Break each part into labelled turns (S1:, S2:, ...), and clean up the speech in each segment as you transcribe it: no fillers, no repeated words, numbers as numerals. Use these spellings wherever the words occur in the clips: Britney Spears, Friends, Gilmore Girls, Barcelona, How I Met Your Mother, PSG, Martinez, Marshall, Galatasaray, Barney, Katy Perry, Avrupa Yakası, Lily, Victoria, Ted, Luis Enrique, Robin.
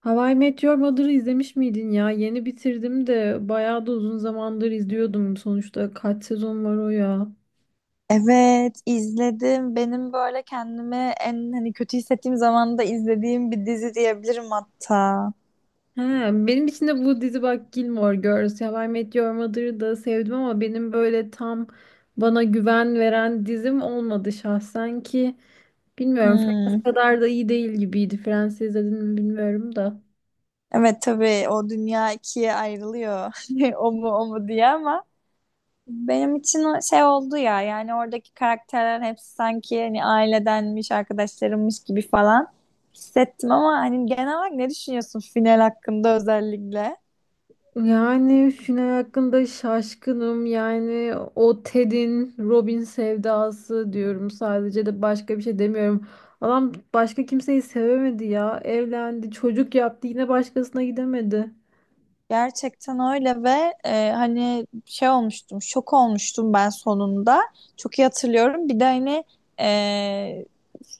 S1: How I Met Mother'ı izlemiş miydin ya? Yeni bitirdim de bayağı da uzun zamandır izliyordum. Sonuçta kaç sezon var o ya?
S2: Evet, izledim. Benim böyle kendimi en hani kötü hissettiğim zaman da izlediğim bir dizi diyebilirim hatta.
S1: He, benim için de bu dizi bak Gilmore Girls, How I Met Your Mother'ı da sevdim ama benim böyle tam bana güven veren dizim olmadı şahsen ki. Bilmiyorum
S2: Hmm.
S1: Friends kadar da iyi değil gibiydi. Friends izledin mi bilmiyorum da.
S2: Evet tabii o dünya ikiye ayrılıyor. O mu o mu diye ama benim için o şey oldu ya yani oradaki karakterler hepsi sanki hani ailedenmiş, arkadaşlarımmış gibi falan hissettim ama hani genel olarak ne düşünüyorsun final hakkında özellikle?
S1: Yani final hakkında şaşkınım. Yani o Ted'in Robin sevdası diyorum sadece de başka bir şey demiyorum. Adam başka kimseyi sevemedi ya. Evlendi, çocuk yaptı, yine başkasına gidemedi.
S2: Gerçekten öyle ve hani şey olmuştum, şok olmuştum ben sonunda. Çok iyi hatırlıyorum. Bir de hani e,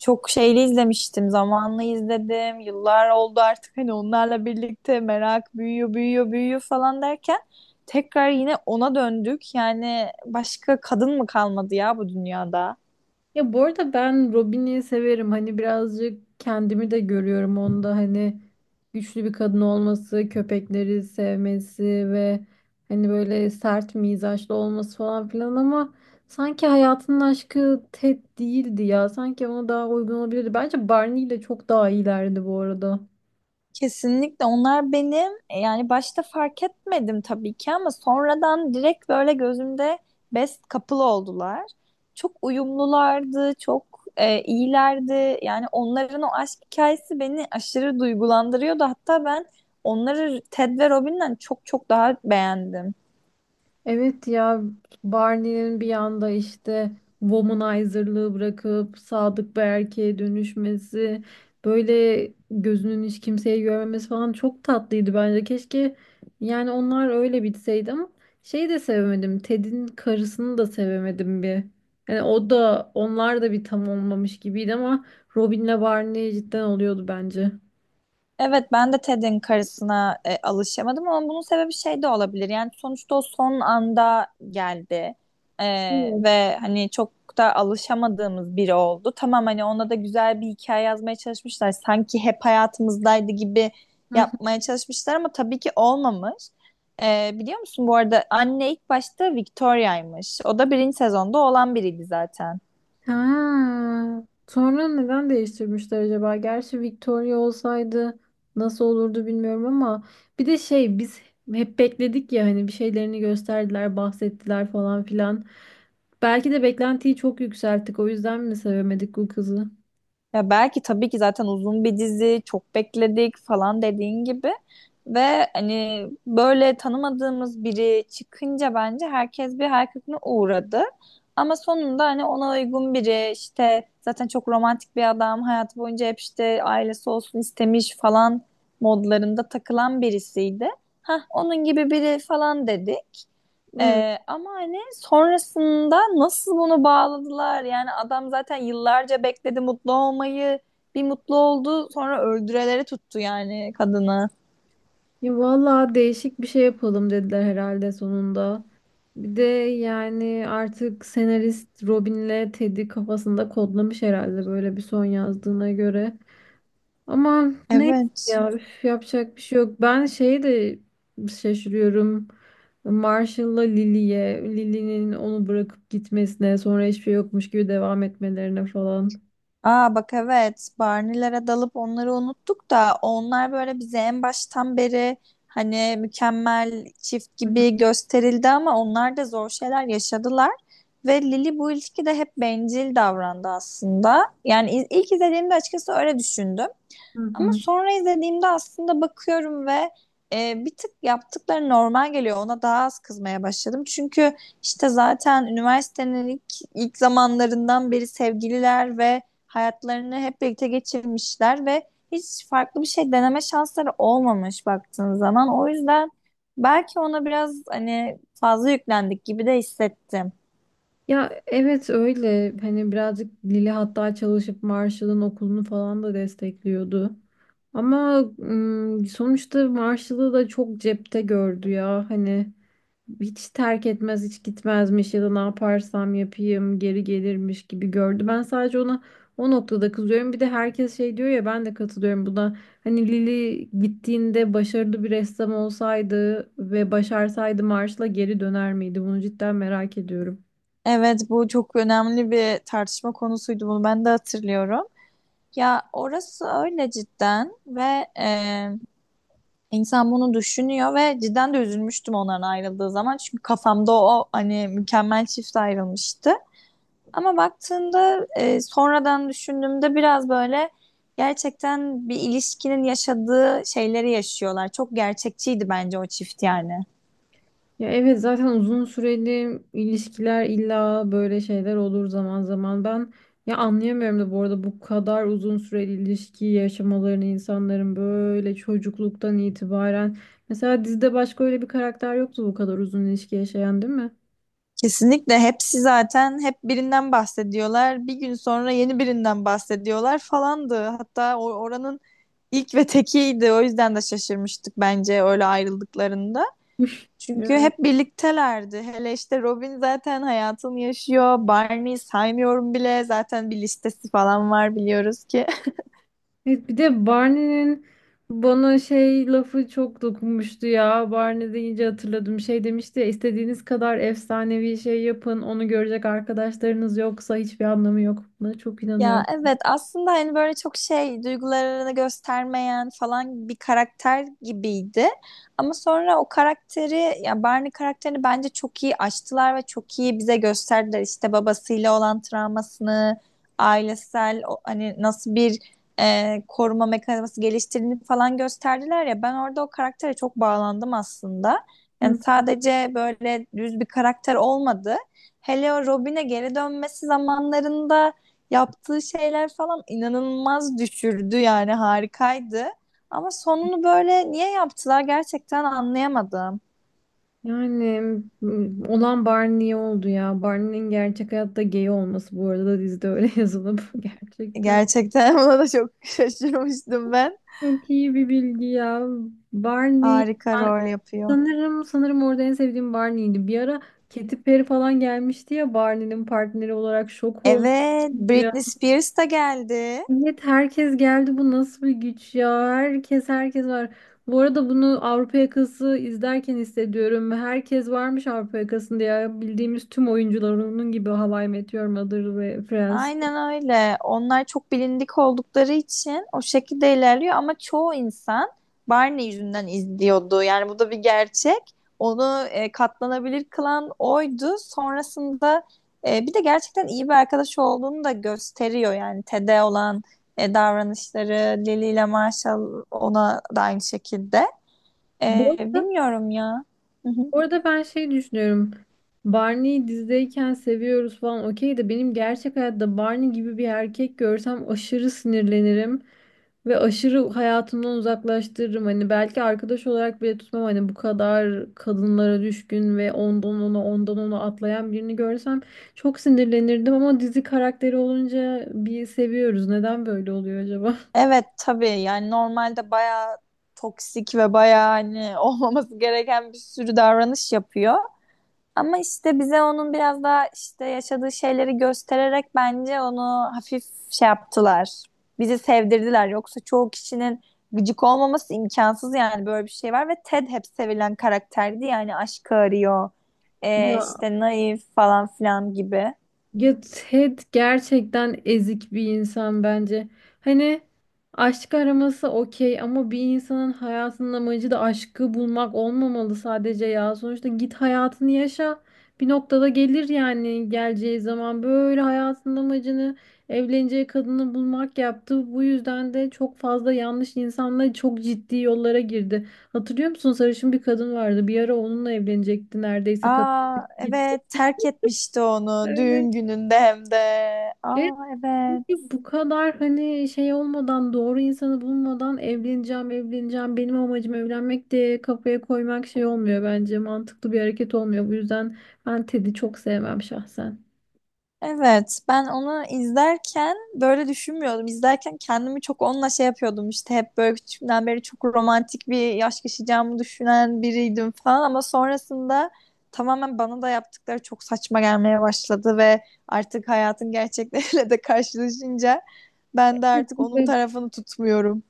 S2: çok şeyli izlemiştim, zamanlı izledim. Yıllar oldu artık hani onlarla birlikte merak büyüyor, büyüyor, büyüyor falan derken tekrar yine ona döndük. Yani başka kadın mı kalmadı ya bu dünyada?
S1: Ya bu arada ben Robin'i severim. Hani birazcık kendimi de görüyorum onda. Hani güçlü bir kadın olması, köpekleri sevmesi ve hani böyle sert mizaçlı olması falan filan ama sanki hayatının aşkı Ted değildi ya. Sanki ona daha uygun olabilirdi. Bence Barney ile çok daha iyilerdi bu arada.
S2: Kesinlikle onlar benim yani başta fark etmedim tabii ki ama sonradan direkt böyle gözümde best couple oldular. Çok uyumlulardı, çok iyilerdi. Yani onların o aşk hikayesi beni aşırı duygulandırıyordu. Hatta ben onları Ted ve Robin'den çok çok daha beğendim.
S1: Evet ya, Barney'nin bir anda işte womanizer'lığı bırakıp sadık bir erkeğe dönüşmesi, böyle gözünün hiç kimseyi görmemesi falan çok tatlıydı bence. Keşke yani onlar öyle bitseydi ama şeyi de sevemedim. Ted'in karısını da sevemedim bir. Yani o da onlar da bir tam olmamış gibiydi ama Robin'le Barney cidden oluyordu bence.
S2: Evet ben de Ted'in karısına alışamadım ama bunun sebebi şey de olabilir. Yani sonuçta o son anda geldi. E, Ve hani çok da alışamadığımız biri oldu. Tamam hani ona da güzel bir hikaye yazmaya çalışmışlar. Sanki hep hayatımızdaydı gibi
S1: Evet.
S2: yapmaya çalışmışlar ama tabii ki olmamış. Biliyor musun bu arada anne ilk başta Victoria'ymış. O da birinci sezonda olan biriydi zaten.
S1: Ha, sonra neden değiştirmişler acaba? Gerçi Victoria olsaydı nasıl olurdu bilmiyorum ama bir de şey, biz hep bekledik ya hani bir şeylerini gösterdiler, bahsettiler falan filan. Belki de beklentiyi çok yükselttik. O yüzden mi sevemedik bu kızı?
S2: Ya belki tabii ki zaten uzun bir dizi, çok bekledik falan dediğin gibi ve hani böyle tanımadığımız biri çıkınca bence herkes bir hayal kırıklığına uğradı. Ama sonunda hani ona uygun biri işte zaten çok romantik bir adam hayatı boyunca hep işte ailesi olsun istemiş falan modlarında takılan birisiydi. Hah onun gibi biri falan dedi.
S1: Evet.
S2: Ama hani sonrasında nasıl bunu bağladılar? Yani adam zaten yıllarca bekledi mutlu olmayı. Bir mutlu oldu, sonra öldüreleri tuttu yani kadını.
S1: Ya vallahi değişik bir şey yapalım dediler herhalde sonunda. Bir de yani artık senarist Robin'le Ted'i kafasında kodlamış herhalde böyle bir son yazdığına göre. Aman neyse
S2: Evet.
S1: ya, üf, yapacak bir şey yok. Ben şeyi de şaşırıyorum. Marshall'la Lily'ye, Lily'nin onu bırakıp gitmesine, sonra hiçbir şey yokmuş gibi devam etmelerine falan.
S2: Aa bak evet. Barney'lere dalıp onları unuttuk da onlar böyle bize en baştan beri hani mükemmel çift gibi gösterildi ama onlar da zor şeyler yaşadılar. Ve Lily bu ilişkide hep bencil davrandı aslında. Yani ilk izlediğimde açıkçası öyle düşündüm.
S1: Hı
S2: Ama
S1: hı.
S2: sonra izlediğimde aslında bakıyorum ve bir tık yaptıkları normal geliyor. Ona daha az kızmaya başladım. Çünkü işte zaten üniversitenin ilk zamanlarından beri sevgililer ve hayatlarını hep birlikte geçirmişler ve hiç farklı bir şey deneme şansları olmamış baktığın zaman. O yüzden belki ona biraz hani fazla yüklendik gibi de hissettim.
S1: Ya evet, öyle hani birazcık Lili hatta çalışıp Marshall'ın okulunu falan da destekliyordu. Ama sonuçta Marshall'ı da çok cepte gördü ya hani hiç terk etmez hiç gitmezmiş ya da ne yaparsam yapayım geri gelirmiş gibi gördü. Ben sadece ona o noktada kızıyorum. Bir de herkes şey diyor ya, ben de katılıyorum buna. Hani Lili gittiğinde başarılı bir ressam olsaydı ve başarsaydı Marshall'a geri döner miydi? Bunu cidden merak ediyorum.
S2: Evet, bu çok önemli bir tartışma konusuydu. Bunu ben de hatırlıyorum. Ya orası öyle cidden ve insan bunu düşünüyor ve cidden de üzülmüştüm onların ayrıldığı zaman. Çünkü kafamda o hani mükemmel çift ayrılmıştı. Ama baktığında sonradan düşündüğümde biraz böyle gerçekten bir ilişkinin yaşadığı şeyleri yaşıyorlar. Çok gerçekçiydi bence o çift yani.
S1: Ya evet, zaten uzun süreli ilişkiler illa böyle şeyler olur zaman zaman. Ben ya anlayamıyorum da bu arada bu kadar uzun süreli ilişki yaşamalarını insanların böyle çocukluktan itibaren. Mesela dizide başka öyle bir karakter yoktu bu kadar uzun ilişki yaşayan, değil mi?
S2: Kesinlikle hepsi zaten hep birinden bahsediyorlar. Bir gün sonra yeni birinden bahsediyorlar falandı. Hatta oranın İlk ve tekiydi. O yüzden de şaşırmıştık bence öyle ayrıldıklarında. Çünkü
S1: Evet.
S2: hep birliktelerdi. Hele işte Robin zaten hayatını yaşıyor. Barney'i saymıyorum bile. Zaten bir listesi falan var biliyoruz ki.
S1: Evet, bir de Barney'nin bana şey lafı çok dokunmuştu ya. Barney deyince hatırladım. Şey demişti ya, istediğiniz kadar efsanevi şey yapın. Onu görecek arkadaşlarınız yoksa hiçbir anlamı yok. Buna çok
S2: Ya
S1: inanıyorum.
S2: evet aslında hani böyle çok şey duygularını göstermeyen falan bir karakter gibiydi. Ama sonra o karakteri ya Barney karakterini bence çok iyi açtılar ve çok iyi bize gösterdiler. İşte babasıyla olan travmasını, ailesel hani nasıl bir koruma mekanizması geliştirdiğini falan gösterdiler ya. Ben orada o karaktere çok bağlandım aslında. Yani
S1: Hı hı.
S2: sadece böyle düz bir karakter olmadı. Hele o Robin'e geri dönmesi zamanlarında yaptığı şeyler falan inanılmaz düşürdü yani harikaydı. Ama sonunu böyle niye yaptılar gerçekten anlayamadım.
S1: Yani olan Barney oldu ya. Barney'nin gerçek hayatta gay olması bu arada da dizide öyle yazılıp gerçekten.
S2: Gerçekten buna da çok şaşırmıştım ben.
S1: Çok iyi bir bilgi ya. Barney
S2: Harika rol yapıyor.
S1: Sanırım sanırım orada en sevdiğim Barney'ydi. Bir ara Katy Perry falan gelmişti ya Barney'nin partneri olarak, şok olmuştum
S2: Evet, Britney
S1: ya.
S2: Spears da geldi.
S1: Evet herkes geldi, bu nasıl bir güç ya. Herkes var. Bu arada bunu Avrupa Yakası izlerken hissediyorum. Herkes varmış Avrupa Yakası'nda ya. Bildiğimiz tüm oyuncular onun gibi, How I Met Your Mother ve Friends.
S2: Aynen öyle. Onlar çok bilindik oldukları için o şekilde ilerliyor ama çoğu insan Barney yüzünden izliyordu. Yani bu da bir gerçek. Onu katlanabilir kılan oydu. Sonrasında bir de gerçekten iyi bir arkadaş olduğunu da gösteriyor. Yani Ted'e olan davranışları, Lily ile Marshall ona da aynı şekilde.
S1: Bu arada
S2: Bilmiyorum ya.
S1: orada ben şey düşünüyorum. Barney'i dizideyken seviyoruz falan okey de benim gerçek hayatta Barney gibi bir erkek görsem aşırı sinirlenirim ve aşırı hayatımdan uzaklaştırırım. Hani belki arkadaş olarak bile tutmam, hani bu kadar kadınlara düşkün ve ondan ona ondan ona atlayan birini görsem çok sinirlenirdim ama dizi karakteri olunca bir seviyoruz. Neden böyle oluyor acaba?
S2: Evet tabii yani normalde bayağı toksik ve bayağı hani olmaması gereken bir sürü davranış yapıyor. Ama işte bize onun biraz daha işte yaşadığı şeyleri göstererek bence onu hafif şey yaptılar. Bizi sevdirdiler. Yoksa çoğu kişinin gıcık olmaması imkansız yani böyle bir şey var ve Ted hep sevilen karakterdi yani aşkı arıyor.
S1: Ya
S2: İşte naif falan filan gibi.
S1: Ya, Ted gerçekten ezik bir insan bence. Hani aşk araması okey ama bir insanın hayatının amacı da aşkı bulmak olmamalı sadece ya. Sonuçta git hayatını yaşa. Bir noktada gelir yani, geleceği zaman böyle hayatının amacını evleneceği kadını bulmak yaptı. Bu yüzden de çok fazla yanlış insanla çok ciddi yollara girdi. Hatırlıyor musun? Sarışın bir kadın vardı. Bir ara onunla evlenecekti neredeyse, kadın
S2: Aa
S1: gitti.
S2: evet terk etmişti onu
S1: Evet.
S2: düğün gününde hem de. Aa evet.
S1: Çünkü bu kadar hani şey olmadan, doğru insanı bulmadan, evleneceğim evleneceğim, benim amacım evlenmek diye kafaya koymak şey olmuyor bence, mantıklı bir hareket olmuyor. Bu yüzden ben Ted'i çok sevmem şahsen.
S2: Evet ben onu izlerken böyle düşünmüyordum. İzlerken kendimi çok onunla şey yapıyordum işte hep böyle küçüğümden beri çok romantik bir yaş yaşayacağımı düşünen biriydim falan ama sonrasında tamamen bana da yaptıkları çok saçma gelmeye başladı ve artık hayatın gerçekleriyle de karşılaşınca ben de artık onun tarafını tutmuyorum.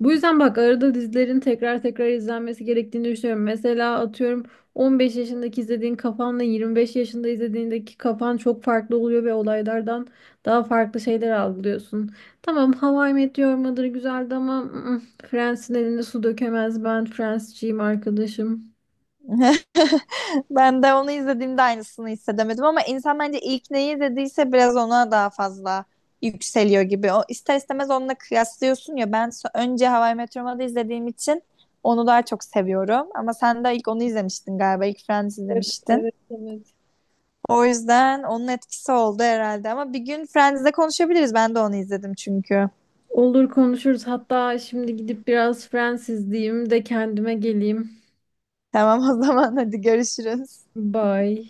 S1: Bu yüzden bak arada dizilerin tekrar tekrar izlenmesi gerektiğini düşünüyorum. Mesela atıyorum, 15 yaşındaki izlediğin kafanla 25 yaşında izlediğindeki kafan çok farklı oluyor ve olaylardan daha farklı şeyler algılıyorsun. Tamam, How I Met Your Mother güzeldi ama Friends'in elinde su dökemez. Ben Friends'ciyim arkadaşım.
S2: Ben de onu izlediğimde aynısını hissedemedim ama insan bence ilk neyi izlediyse biraz ona daha fazla yükseliyor gibi. O ister istemez onunla kıyaslıyorsun ya. Ben önce How I Met Your Mother'ı izlediğim için onu daha çok seviyorum. Ama sen de ilk onu izlemiştin galiba. İlk Friends
S1: Evet,
S2: izlemiştin.
S1: evet, evet.
S2: O yüzden onun etkisi oldu herhalde. Ama bir gün Friends'de konuşabiliriz. Ben de onu izledim çünkü.
S1: Olur, konuşuruz. Hatta şimdi gidip biraz Friends izleyeyim de kendime geleyim.
S2: Tamam o zaman hadi görüşürüz.
S1: Bye.